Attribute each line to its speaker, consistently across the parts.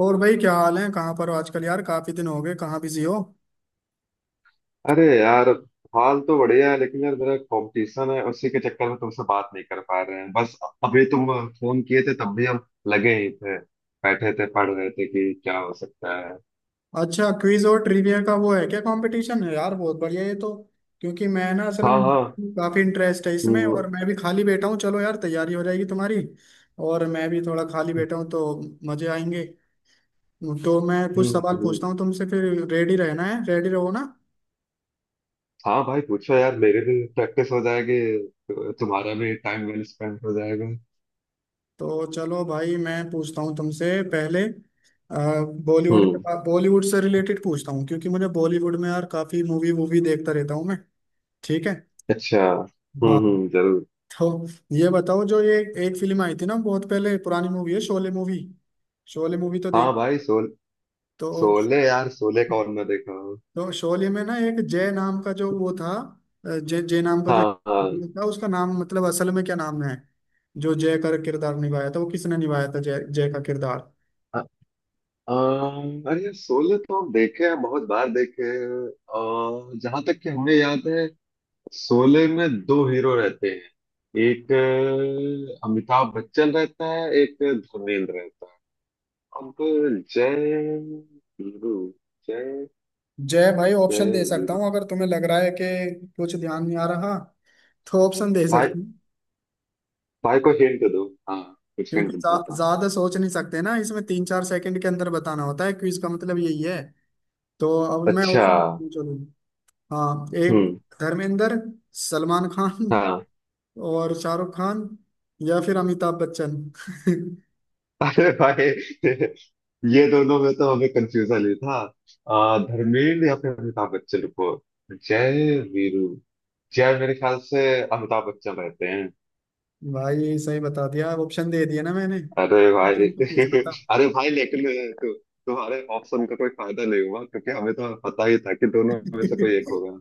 Speaker 1: और भाई क्या हाल है? कहाँ पर हो आजकल यार? काफी दिन हो गए, कहाँ बिजी हो?
Speaker 2: अरे यार, हाल तो बढ़िया है लेकिन यार मेरा कंपटीशन है, उसी के चक्कर में तुमसे बात नहीं कर पा रहे हैं। बस अभी तुम फोन किए थे तब भी हम लगे ही थे, बैठे थे पढ़ रहे थे कि क्या हो सकता है।
Speaker 1: अच्छा, क्विज और ट्रिविया का वो है क्या, कंपटीशन है यार? बहुत बढ़िया ये तो। क्योंकि मैं ना असल में
Speaker 2: हाँ हाँ।
Speaker 1: काफी इंटरेस्ट है इसमें,
Speaker 2: हम्म,
Speaker 1: और मैं भी खाली बैठा हूँ। चलो यार, तैयारी हो जाएगी तुम्हारी, और मैं भी थोड़ा खाली बैठा हूँ तो मजे आएंगे। तो मैं कुछ
Speaker 2: हम्म,
Speaker 1: सवाल पूछता
Speaker 2: हम्म।
Speaker 1: हूँ तुमसे, फिर रेडी रहना है, रेडी रहो ना।
Speaker 2: हाँ भाई पूछो यार, मेरे भी प्रैक्टिस हो जाएगी, तुम्हारा भी टाइम वेल स्पेंड हो जाएगा।
Speaker 1: तो चलो भाई, मैं पूछता हूँ तुमसे पहले बॉलीवुड,
Speaker 2: हम्म।
Speaker 1: बॉलीवुड से रिलेटेड पूछता हूँ, क्योंकि मुझे बॉलीवुड में यार काफी मूवी वूवी देखता रहता हूँ मैं। ठीक है?
Speaker 2: अच्छा।
Speaker 1: हाँ।
Speaker 2: हम्म, जरूर।
Speaker 1: तो ये बताओ, जो ये एक फिल्म आई थी ना बहुत पहले, पुरानी मूवी है, शोले मूवी। शोले मूवी तो
Speaker 2: हाँ
Speaker 1: देख।
Speaker 2: भाई सोल,
Speaker 1: तो
Speaker 2: सोले यार, सोले कौन ना देखा हो।
Speaker 1: तो शोले में ना एक जय नाम का जो वो था, अ, जय जय नाम का जो
Speaker 2: हाँ हाँ।
Speaker 1: था, उसका नाम मतलब असल में क्या नाम है? जो जय का किरदार निभाया था वो किसने निभाया था, जय जय का किरदार?
Speaker 2: अरे यार, शोले तो हम देखे हैं, बहुत बार देखे हैं। और जहां तक कि हमें याद है, शोले में दो हीरो रहते हैं, एक अमिताभ बच्चन रहता है, एक धर्मेंद्र रहता है। अब जय वीरू, जय,
Speaker 1: जय भाई, ऑप्शन
Speaker 2: जय
Speaker 1: दे सकता
Speaker 2: वीरू।
Speaker 1: हूँ अगर तुम्हें लग रहा है कि कुछ ध्यान नहीं आ रहा, तो ऑप्शन दे
Speaker 2: भाई,
Speaker 1: सकती हूँ।
Speaker 2: भाई को हिंट दो। हाँ, कुछ
Speaker 1: क्योंकि
Speaker 2: हिंट देता हूँ।
Speaker 1: ज्यादा सोच नहीं सकते ना इसमें, 3-4 सेकंड के अंदर बताना होता है, क्विज का मतलब यही है। तो अब मैं
Speaker 2: अच्छा।
Speaker 1: ऑप्शन चलूँ। हाँ, एक
Speaker 2: हम्म।
Speaker 1: धर्मेंद्र, सलमान खान,
Speaker 2: हाँ।
Speaker 1: और शाहरुख खान, या फिर अमिताभ बच्चन।
Speaker 2: अरे भाई, ये दोनों में तो हमें कंफ्यूजन ही था। धर्मेंद्र या फिर अमिताभ बच्चन को। जय वीरू, जय मेरे ख्याल से अमिताभ बच्चन रहते हैं।
Speaker 1: भाई सही बता दिया, ऑप्शन दे दिया ना मैंने,
Speaker 2: अरे भाई
Speaker 1: ऑप्शन तो पूछना था।
Speaker 2: अरे भाई लेकिन तु, तुम्हारे ऑप्शन का कोई फायदा नहीं हुआ, क्योंकि हमें तो पता ही था कि दोनों में से कोई एक होगा।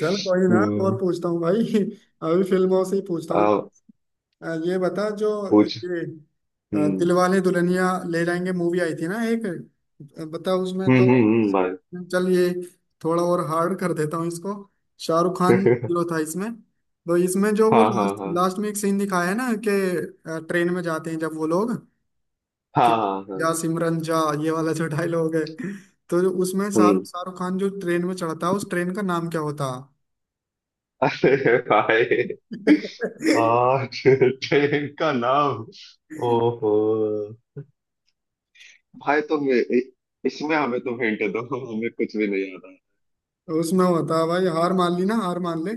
Speaker 1: चल कोई ना, और
Speaker 2: हम्म।
Speaker 1: पूछता हूँ भाई। अभी फिल्मों से ही पूछता
Speaker 2: आ,
Speaker 1: हूँ। ये बता, जो
Speaker 2: पूछ।
Speaker 1: ये
Speaker 2: हम्म
Speaker 1: दिलवाले दुल्हनिया ले जाएंगे मूवी आई थी ना एक, बता उसमें तो,
Speaker 2: भाई।
Speaker 1: चल ये थोड़ा और हार्ड कर देता हूँ इसको। शाहरुख खान हीरो था इसमें। तो इसमें जो वो
Speaker 2: हाँ हाँ
Speaker 1: लास्ट
Speaker 2: हाँ।
Speaker 1: लास्ट में एक सीन दिखाया है ना कि ट्रेन में जाते हैं जब वो लोग, कि
Speaker 2: हाँ हाँ हाँ।
Speaker 1: जा सिमरन जा, ये वाला जो डायलॉग है। तो जो उसमें शाहरुख
Speaker 2: हम्म।
Speaker 1: शाहरुख खान जो ट्रेन में चढ़ता है, उस ट्रेन का नाम क्या होता?
Speaker 2: अरे भाई। आ ट्रेन का नाम। ओहो भाई, इसमें हमें तुम हिंट दो, हमें कुछ भी नहीं आता।
Speaker 1: तो उसमें होता है भाई, हार मान ली ना, हार मान ले।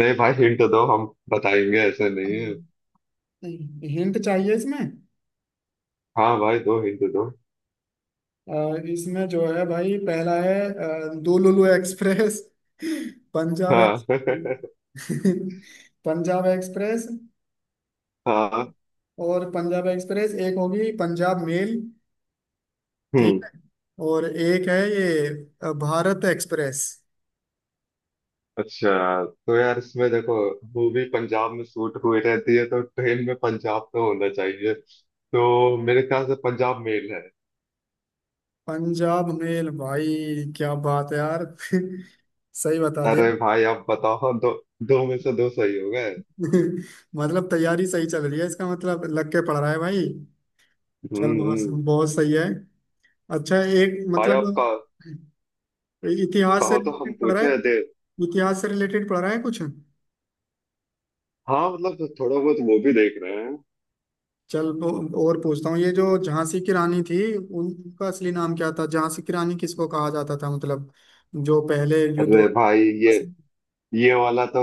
Speaker 2: नहीं भाई, हिंट दो, हम बताएंगे, ऐसे नहीं है।
Speaker 1: हिंट चाहिए इसमें?
Speaker 2: हाँ भाई, दो हिंट दो।
Speaker 1: इसमें जो है भाई, पहला है दुलुलु एक्सप्रेस। पंजाब एक्स
Speaker 2: हाँ
Speaker 1: पंजाब एक्सप्रेस।
Speaker 2: हाँ।
Speaker 1: और पंजाब एक्सप्रेस, एक होगी पंजाब मेल,
Speaker 2: हम्म।
Speaker 1: ठीक है? और एक है ये भारत एक्सप्रेस।
Speaker 2: अच्छा तो यार, इसमें देखो, मूवी पंजाब में शूट हुई रहती है तो ट्रेन में पंजाब तो होना चाहिए। तो मेरे ख्याल से पंजाब मेल है।
Speaker 1: पंजाब मेल भाई, क्या बात है यार। सही बता दिया।
Speaker 2: अरे भाई आप बताओ, दो दो में से दो सही हो गए।
Speaker 1: मतलब तैयारी सही चल रही है, इसका मतलब लग के पढ़ रहा है भाई। चल,
Speaker 2: हम्म
Speaker 1: बहुत
Speaker 2: हम्म।
Speaker 1: बहुत सही है। अच्छा, एक
Speaker 2: भाई
Speaker 1: मतलब
Speaker 2: आपका
Speaker 1: इतिहास से
Speaker 2: कहो तो हम
Speaker 1: रिलेटेड पढ़ रहा है,
Speaker 2: पूछे थे।
Speaker 1: इतिहास से रिलेटेड पढ़ रहा है कुछ?
Speaker 2: हाँ मतलब तो थोड़ा बहुत वो भी देख रहे हैं।
Speaker 1: चल और पूछता हूँ, ये जो झांसी की रानी थी, उनका असली नाम क्या था? झांसी की रानी किसको कहा जाता था, मतलब जो पहले युद्ध
Speaker 2: अरे भाई, ये वाला तो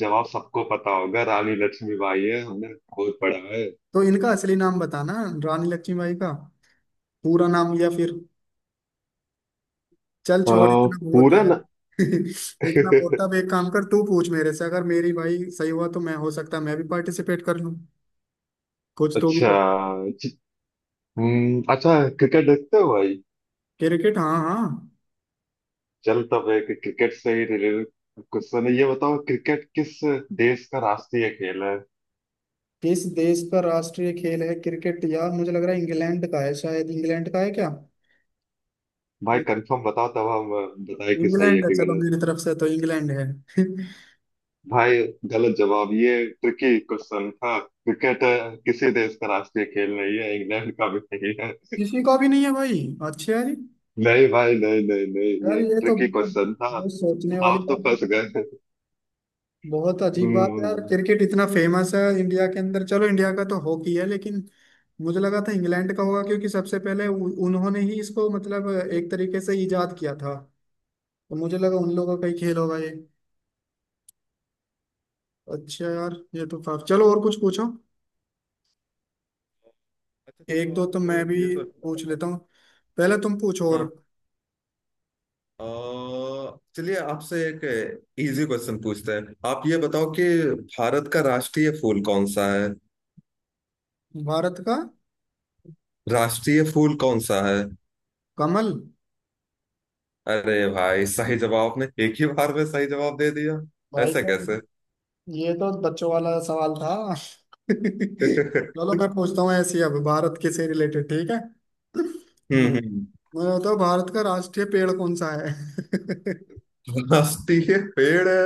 Speaker 2: जवाब सबको पता होगा, रानी लक्ष्मीबाई है, हमने बहुत पढ़ा है।
Speaker 1: तो इनका असली नाम बताना, रानी लक्ष्मीबाई का पूरा नाम, या फिर चल छोड़, इतना बहुत
Speaker 2: पूरा
Speaker 1: है।
Speaker 2: ना।
Speaker 1: इतना बहुत है। अब एक काम कर, तू पूछ मेरे से, अगर मेरी भाई सही हुआ तो मैं, हो सकता है मैं भी पार्टिसिपेट कर लूं, कुछ तो भी
Speaker 2: अच्छा।
Speaker 1: तो।
Speaker 2: च- अच्छा, क्रिकेट देखते हो भाई?
Speaker 1: क्रिकेट? हाँ हाँ।
Speaker 2: चल तब एक क्रिकेट से ही रिलेटेड क्वेश्चन है, ये बताओ क्रिकेट किस देश का राष्ट्रीय खेल है?
Speaker 1: किस देश का राष्ट्रीय खेल है क्रिकेट? यार मुझे लग रहा है इंग्लैंड का है, शायद इंग्लैंड का है क्या?
Speaker 2: भाई
Speaker 1: इं-
Speaker 2: कंफर्म बताओ तब हम बताए कि सही है
Speaker 1: इंग्लैंड है,
Speaker 2: कि।
Speaker 1: चलो मेरी तरफ से तो इंग्लैंड है।
Speaker 2: भाई गलत जवाब, ये ट्रिकी क्वेश्चन था, क्रिकेट किसी देश का राष्ट्रीय खेल नहीं है, इंग्लैंड का भी नहीं है।
Speaker 1: किसी का भी नहीं है भाई? अच्छा यार
Speaker 2: नहीं भाई, नहीं नहीं नहीं,
Speaker 1: यार,
Speaker 2: ये
Speaker 1: ये तो
Speaker 2: ट्रिकी
Speaker 1: मतलब
Speaker 2: क्वेश्चन था।
Speaker 1: बहुत सोचने वाली
Speaker 2: आप तो
Speaker 1: बात है,
Speaker 2: फंस
Speaker 1: क्योंकि
Speaker 2: गए।
Speaker 1: बहुत अजीब बात है यार,
Speaker 2: हम्म।
Speaker 1: क्रिकेट इतना फेमस है इंडिया के अंदर। चलो इंडिया का तो हॉकी है, लेकिन मुझे लगा था इंग्लैंड का होगा, क्योंकि सबसे पहले उन्होंने ही इसको मतलब एक तरीके से इजाद किया था, तो मुझे लगा उन लोगों का ही खेल होगा ये। अच्छा यार, ये तो काफी, चलो और कुछ पूछो।
Speaker 2: अच्छा
Speaker 1: एक
Speaker 2: चलो,
Speaker 1: दो तो
Speaker 2: आप
Speaker 1: मैं भी
Speaker 2: ये तो।
Speaker 1: पूछ लेता हूँ, पहले तुम पूछो और।
Speaker 2: हाँ। चलिए आपसे एक इजी क्वेश्चन पूछते हैं, आप ये बताओ कि भारत का राष्ट्रीय फूल कौन सा है?
Speaker 1: भारत का?
Speaker 2: राष्ट्रीय फूल कौन सा है?
Speaker 1: कमल।
Speaker 2: अरे भाई, सही जवाब आपने एक ही बार में दे दिया,
Speaker 1: भाई
Speaker 2: ऐसा
Speaker 1: तो
Speaker 2: कैसे।
Speaker 1: ये तो बच्चों वाला सवाल था। चलो मैं पूछता हूँ ऐसी, अब भारत के से रिलेटेड, ठीक है? मु-
Speaker 2: हम्म हम्म।
Speaker 1: मुझे बताओ, भारत का राष्ट्रीय पेड़ कौन सा है?
Speaker 2: मस्ती है, पेड़ है।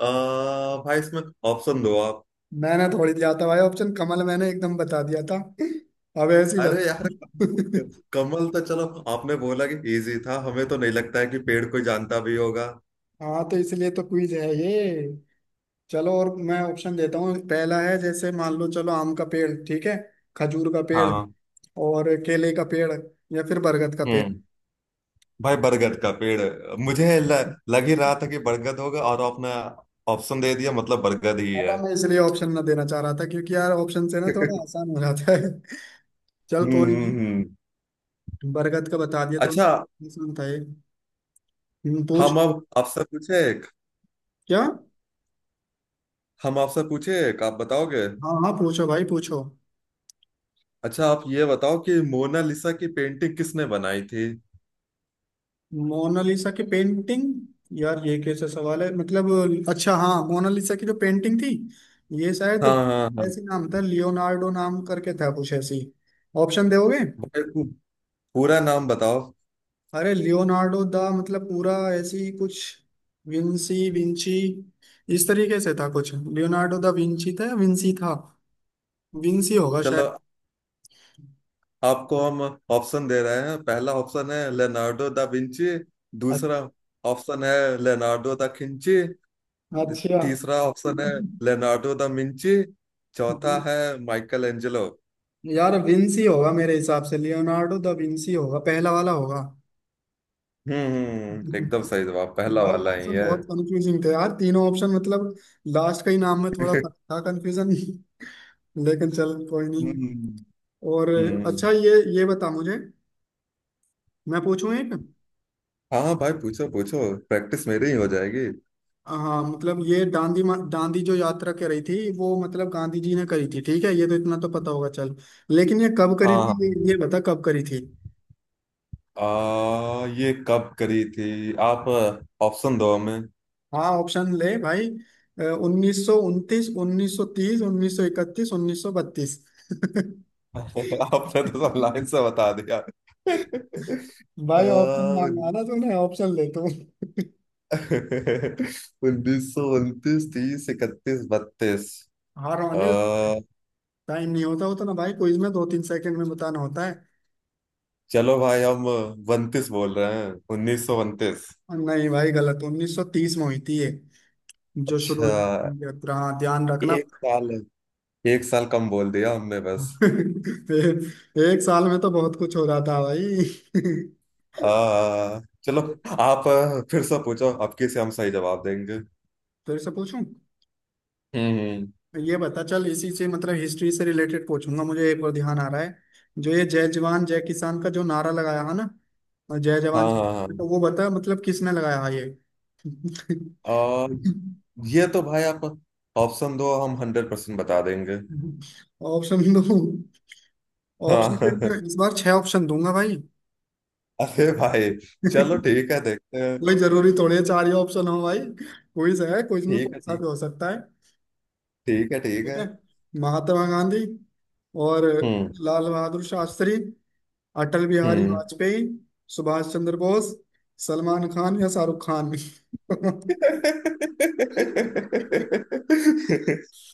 Speaker 2: भाई इसमें ऑप्शन दो आप।
Speaker 1: मैंने थोड़ी दिया था भाई ऑप्शन, कमल मैंने एकदम बता दिया था। अब ऐसी
Speaker 2: अरे यार,
Speaker 1: बता।
Speaker 2: कमल तो चलो आपने बोला कि इजी था, हमें तो नहीं लगता है कि पेड़ कोई जानता भी होगा।
Speaker 1: हाँ तो इसलिए तो क्विज है ये। चलो और मैं ऑप्शन देता हूँ, पहला है, जैसे मान लो, चलो आम का पेड़, ठीक है? खजूर का पेड़,
Speaker 2: हाँ।
Speaker 1: और केले का पेड़, या फिर बरगद का पेड़।
Speaker 2: हम्म। भाई बरगद का पेड़ है। मुझे लग ही रहा था कि बरगद होगा और आपने ऑप्शन दे दिया, मतलब बरगद ही
Speaker 1: अब
Speaker 2: है।
Speaker 1: मैं इसलिए ऑप्शन ना देना चाह रहा था, क्योंकि यार ऑप्शन से ना थोड़ा आसान हो जाता है। चल
Speaker 2: हम्म
Speaker 1: कोई नहीं,
Speaker 2: हम्म, हम्म।
Speaker 1: बरगद का बता दिया तो,
Speaker 2: अच्छा।
Speaker 1: आसान था ये। पूछ।
Speaker 2: हम अब आपसे पूछे एक।
Speaker 1: क्या?
Speaker 2: हम आपसे पूछे एक, आप बताओगे?
Speaker 1: हाँ हाँ, पूछो भाई, पूछो।
Speaker 2: अच्छा, आप ये बताओ कि मोनालिसा की पेंटिंग किसने बनाई थी?
Speaker 1: मोनालिसा की पेंटिंग? यार ये कैसा सवाल है मतलब। अच्छा हाँ, मोनालिसा की जो पेंटिंग थी, ये शायद
Speaker 2: हाँ हाँ हाँ।
Speaker 1: ऐसी नाम था, लियोनार्डो नाम करके था कुछ ऐसी। ऑप्शन दोगे?
Speaker 2: मेरे को पूरा नाम बताओ।
Speaker 1: अरे लियोनार्डो दा, मतलब पूरा ऐसी कुछ विंसी विंची, इस तरीके से था कुछ, लियोनार्डो दा विंची था या विंसी था? विंसी होगा
Speaker 2: चलो
Speaker 1: शायद।
Speaker 2: आपको हम ऑप्शन दे रहे हैं, पहला ऑप्शन है लेनार्डो दा विंची,
Speaker 1: अच्छा।
Speaker 2: दूसरा ऑप्शन है लेनार्डो दा खिंची,
Speaker 1: अच्छा।
Speaker 2: तीसरा ऑप्शन है लेनार्डो दा मिंची, चौथा है माइकल एंजेलो।
Speaker 1: यार विंसी होगा मेरे हिसाब से, लियोनार्डो दा विंसी होगा, पहला वाला होगा।
Speaker 2: एकदम सही जवाब, पहला
Speaker 1: भाई
Speaker 2: वाला ही
Speaker 1: ऑप्शन
Speaker 2: है।
Speaker 1: बहुत कंफ्यूजिंग थे यार, तीनों ऑप्शन मतलब, लास्ट का ही नाम में थोड़ा फर्क था, कंफ्यूजन। लेकिन चल कोई नहीं।
Speaker 2: हम्म।
Speaker 1: और
Speaker 2: हम्म।
Speaker 1: अच्छा, ये बता मुझे, मैं पूछूं एक?
Speaker 2: हाँ भाई पूछो पूछो, प्रैक्टिस मेरी ही हो जाएगी।
Speaker 1: हाँ मतलब, ये दांडी जो यात्रा कर रही थी वो, मतलब गांधी जी ने करी थी, ठीक है ये तो, इतना तो पता होगा चल। लेकिन ये कब करी
Speaker 2: हाँ
Speaker 1: थी? ये
Speaker 2: हाँ।
Speaker 1: बता कब करी थी।
Speaker 2: ये कब करी थी? आप ऑप्शन दो हमें।
Speaker 1: हाँ ऑप्शन ले भाई, 1929, 1930, 1931, 1932।
Speaker 2: आपने तो सब लाइन से बता दिया।
Speaker 1: भाई ऑप्शन मांगा ना तूने, ऑप्शन ले तू
Speaker 2: 1929, 30, 31, 32।
Speaker 1: हार वाले।
Speaker 2: अह,
Speaker 1: टाइम नहीं होता उतना भाई, क्विज में 2-3 सेकंड में बताना होता है।
Speaker 2: चलो भाई, हम उनतीस बोल रहे हैं, 1929।
Speaker 1: और नहीं भाई, गलत। 1930 में हुई थी ये, जो शुरू
Speaker 2: अच्छा,
Speaker 1: हुई थी। हाँ, ध्यान रखना।
Speaker 2: एक साल, एक साल कम बोल दिया हमने बस।
Speaker 1: ए- एक साल में तो बहुत कुछ हो रहा था भाई।
Speaker 2: चलो, आप फिर से पूछो, आपके से हम सही जवाब देंगे।
Speaker 1: फिर से पूछूं?
Speaker 2: हम्म।
Speaker 1: ये बता, चल इसी से मतलब हिस्ट्री से रिलेटेड पूछूंगा, मुझे एक और ध्यान आ रहा है। जो ये जय जवान जय किसान का जो नारा लगाया है ना, जय जवान
Speaker 2: हाँ हाँ
Speaker 1: जय-
Speaker 2: हाँ।
Speaker 1: तो वो बता मतलब किसने लगाया है ये।
Speaker 2: अह, ये तो भाई, आप ऑप्शन दो, हम 100% बता देंगे।
Speaker 1: ऑप्शन दो?
Speaker 2: हाँ
Speaker 1: ऑप्शन से मैं इस बार छह ऑप्शन दूंगा भाई।
Speaker 2: अरे भाई चलो ठीक है, देखते हैं।
Speaker 1: कोई जरूरी थोड़ी है चार ही ऑप्शन हो भाई, क्विज है, क्विज में
Speaker 2: ठीक है,
Speaker 1: पूछा भी
Speaker 2: ठीक,
Speaker 1: हो सकता है।
Speaker 2: ठीक है, ठीक
Speaker 1: ठीक
Speaker 2: है।
Speaker 1: है, महात्मा गांधी, और
Speaker 2: हम्म।
Speaker 1: लाल बहादुर शास्त्री, अटल बिहारी
Speaker 2: हम्म।
Speaker 1: वाजपेयी, सुभाष चंद्र बोस, सलमान खान या शाहरुख खान।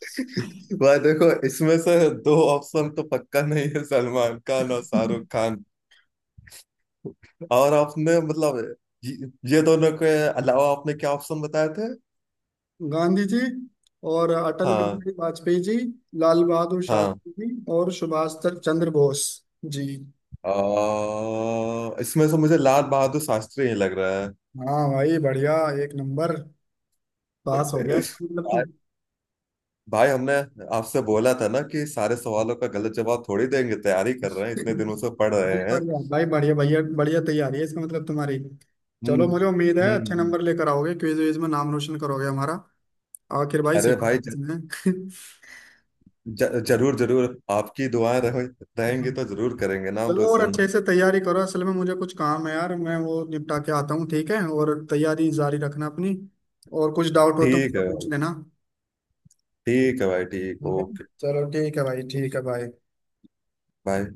Speaker 2: भाई देखो इसमें से दो ऑप्शन तो पक्का नहीं है, सलमान खान और शाहरुख खान। और आपने मतलब ये ये दोनों के अलावा आपने क्या ऑप्शन बताए थे?
Speaker 1: गांधी जी, और अटल
Speaker 2: हाँ
Speaker 1: बिहारी वाजपेयी जी, लाल बहादुर
Speaker 2: हाँ।
Speaker 1: शास्त्री जी, और सुभाष चंद्र बोस जी।
Speaker 2: इसमें से मुझे लाल बहादुर शास्त्री ही लग रहा
Speaker 1: हाँ भाई बढ़िया, एक नंबर पास
Speaker 2: है।
Speaker 1: हो गया, इसका मतलब तुम।
Speaker 2: भाई हमने आपसे बोला था ना कि सारे सवालों का गलत जवाब थोड़ी देंगे, तैयारी कर रहे हैं, इतने दिनों से पढ़ रहे
Speaker 1: नहीं,
Speaker 2: हैं।
Speaker 1: बढ़िया भाई, बढ़िया भैया, बढ़िया तैयारी है इसका मतलब तुम्हारी।
Speaker 2: हम्म
Speaker 1: चलो मुझे उम्मीद है
Speaker 2: हम्म
Speaker 1: अच्छे
Speaker 2: हम्म।
Speaker 1: नंबर लेकर आओगे, क्विज विज में नाम रोशन करोगे हमारा। आखिर भाई
Speaker 2: अरे भाई
Speaker 1: सिखाया
Speaker 2: ज,
Speaker 1: किसने।
Speaker 2: ज, जरूर जरूर, आपकी दुआएं रहेंगी तो जरूर करेंगे नाम
Speaker 1: चलो और
Speaker 2: रोशन।
Speaker 1: अच्छे से तैयारी करो, असल में मुझे कुछ काम है यार, मैं वो निपटा के आता हूँ, ठीक है? और तैयारी जारी रखना अपनी, और कुछ डाउट हो तो
Speaker 2: ठीक
Speaker 1: मुझसे
Speaker 2: है
Speaker 1: पूछ
Speaker 2: भाई,
Speaker 1: लेना।
Speaker 2: ठीक है भाई, ठीक,
Speaker 1: ठीक है,
Speaker 2: ओके,
Speaker 1: चलो ठीक है भाई, ठीक है भाई।
Speaker 2: बाय।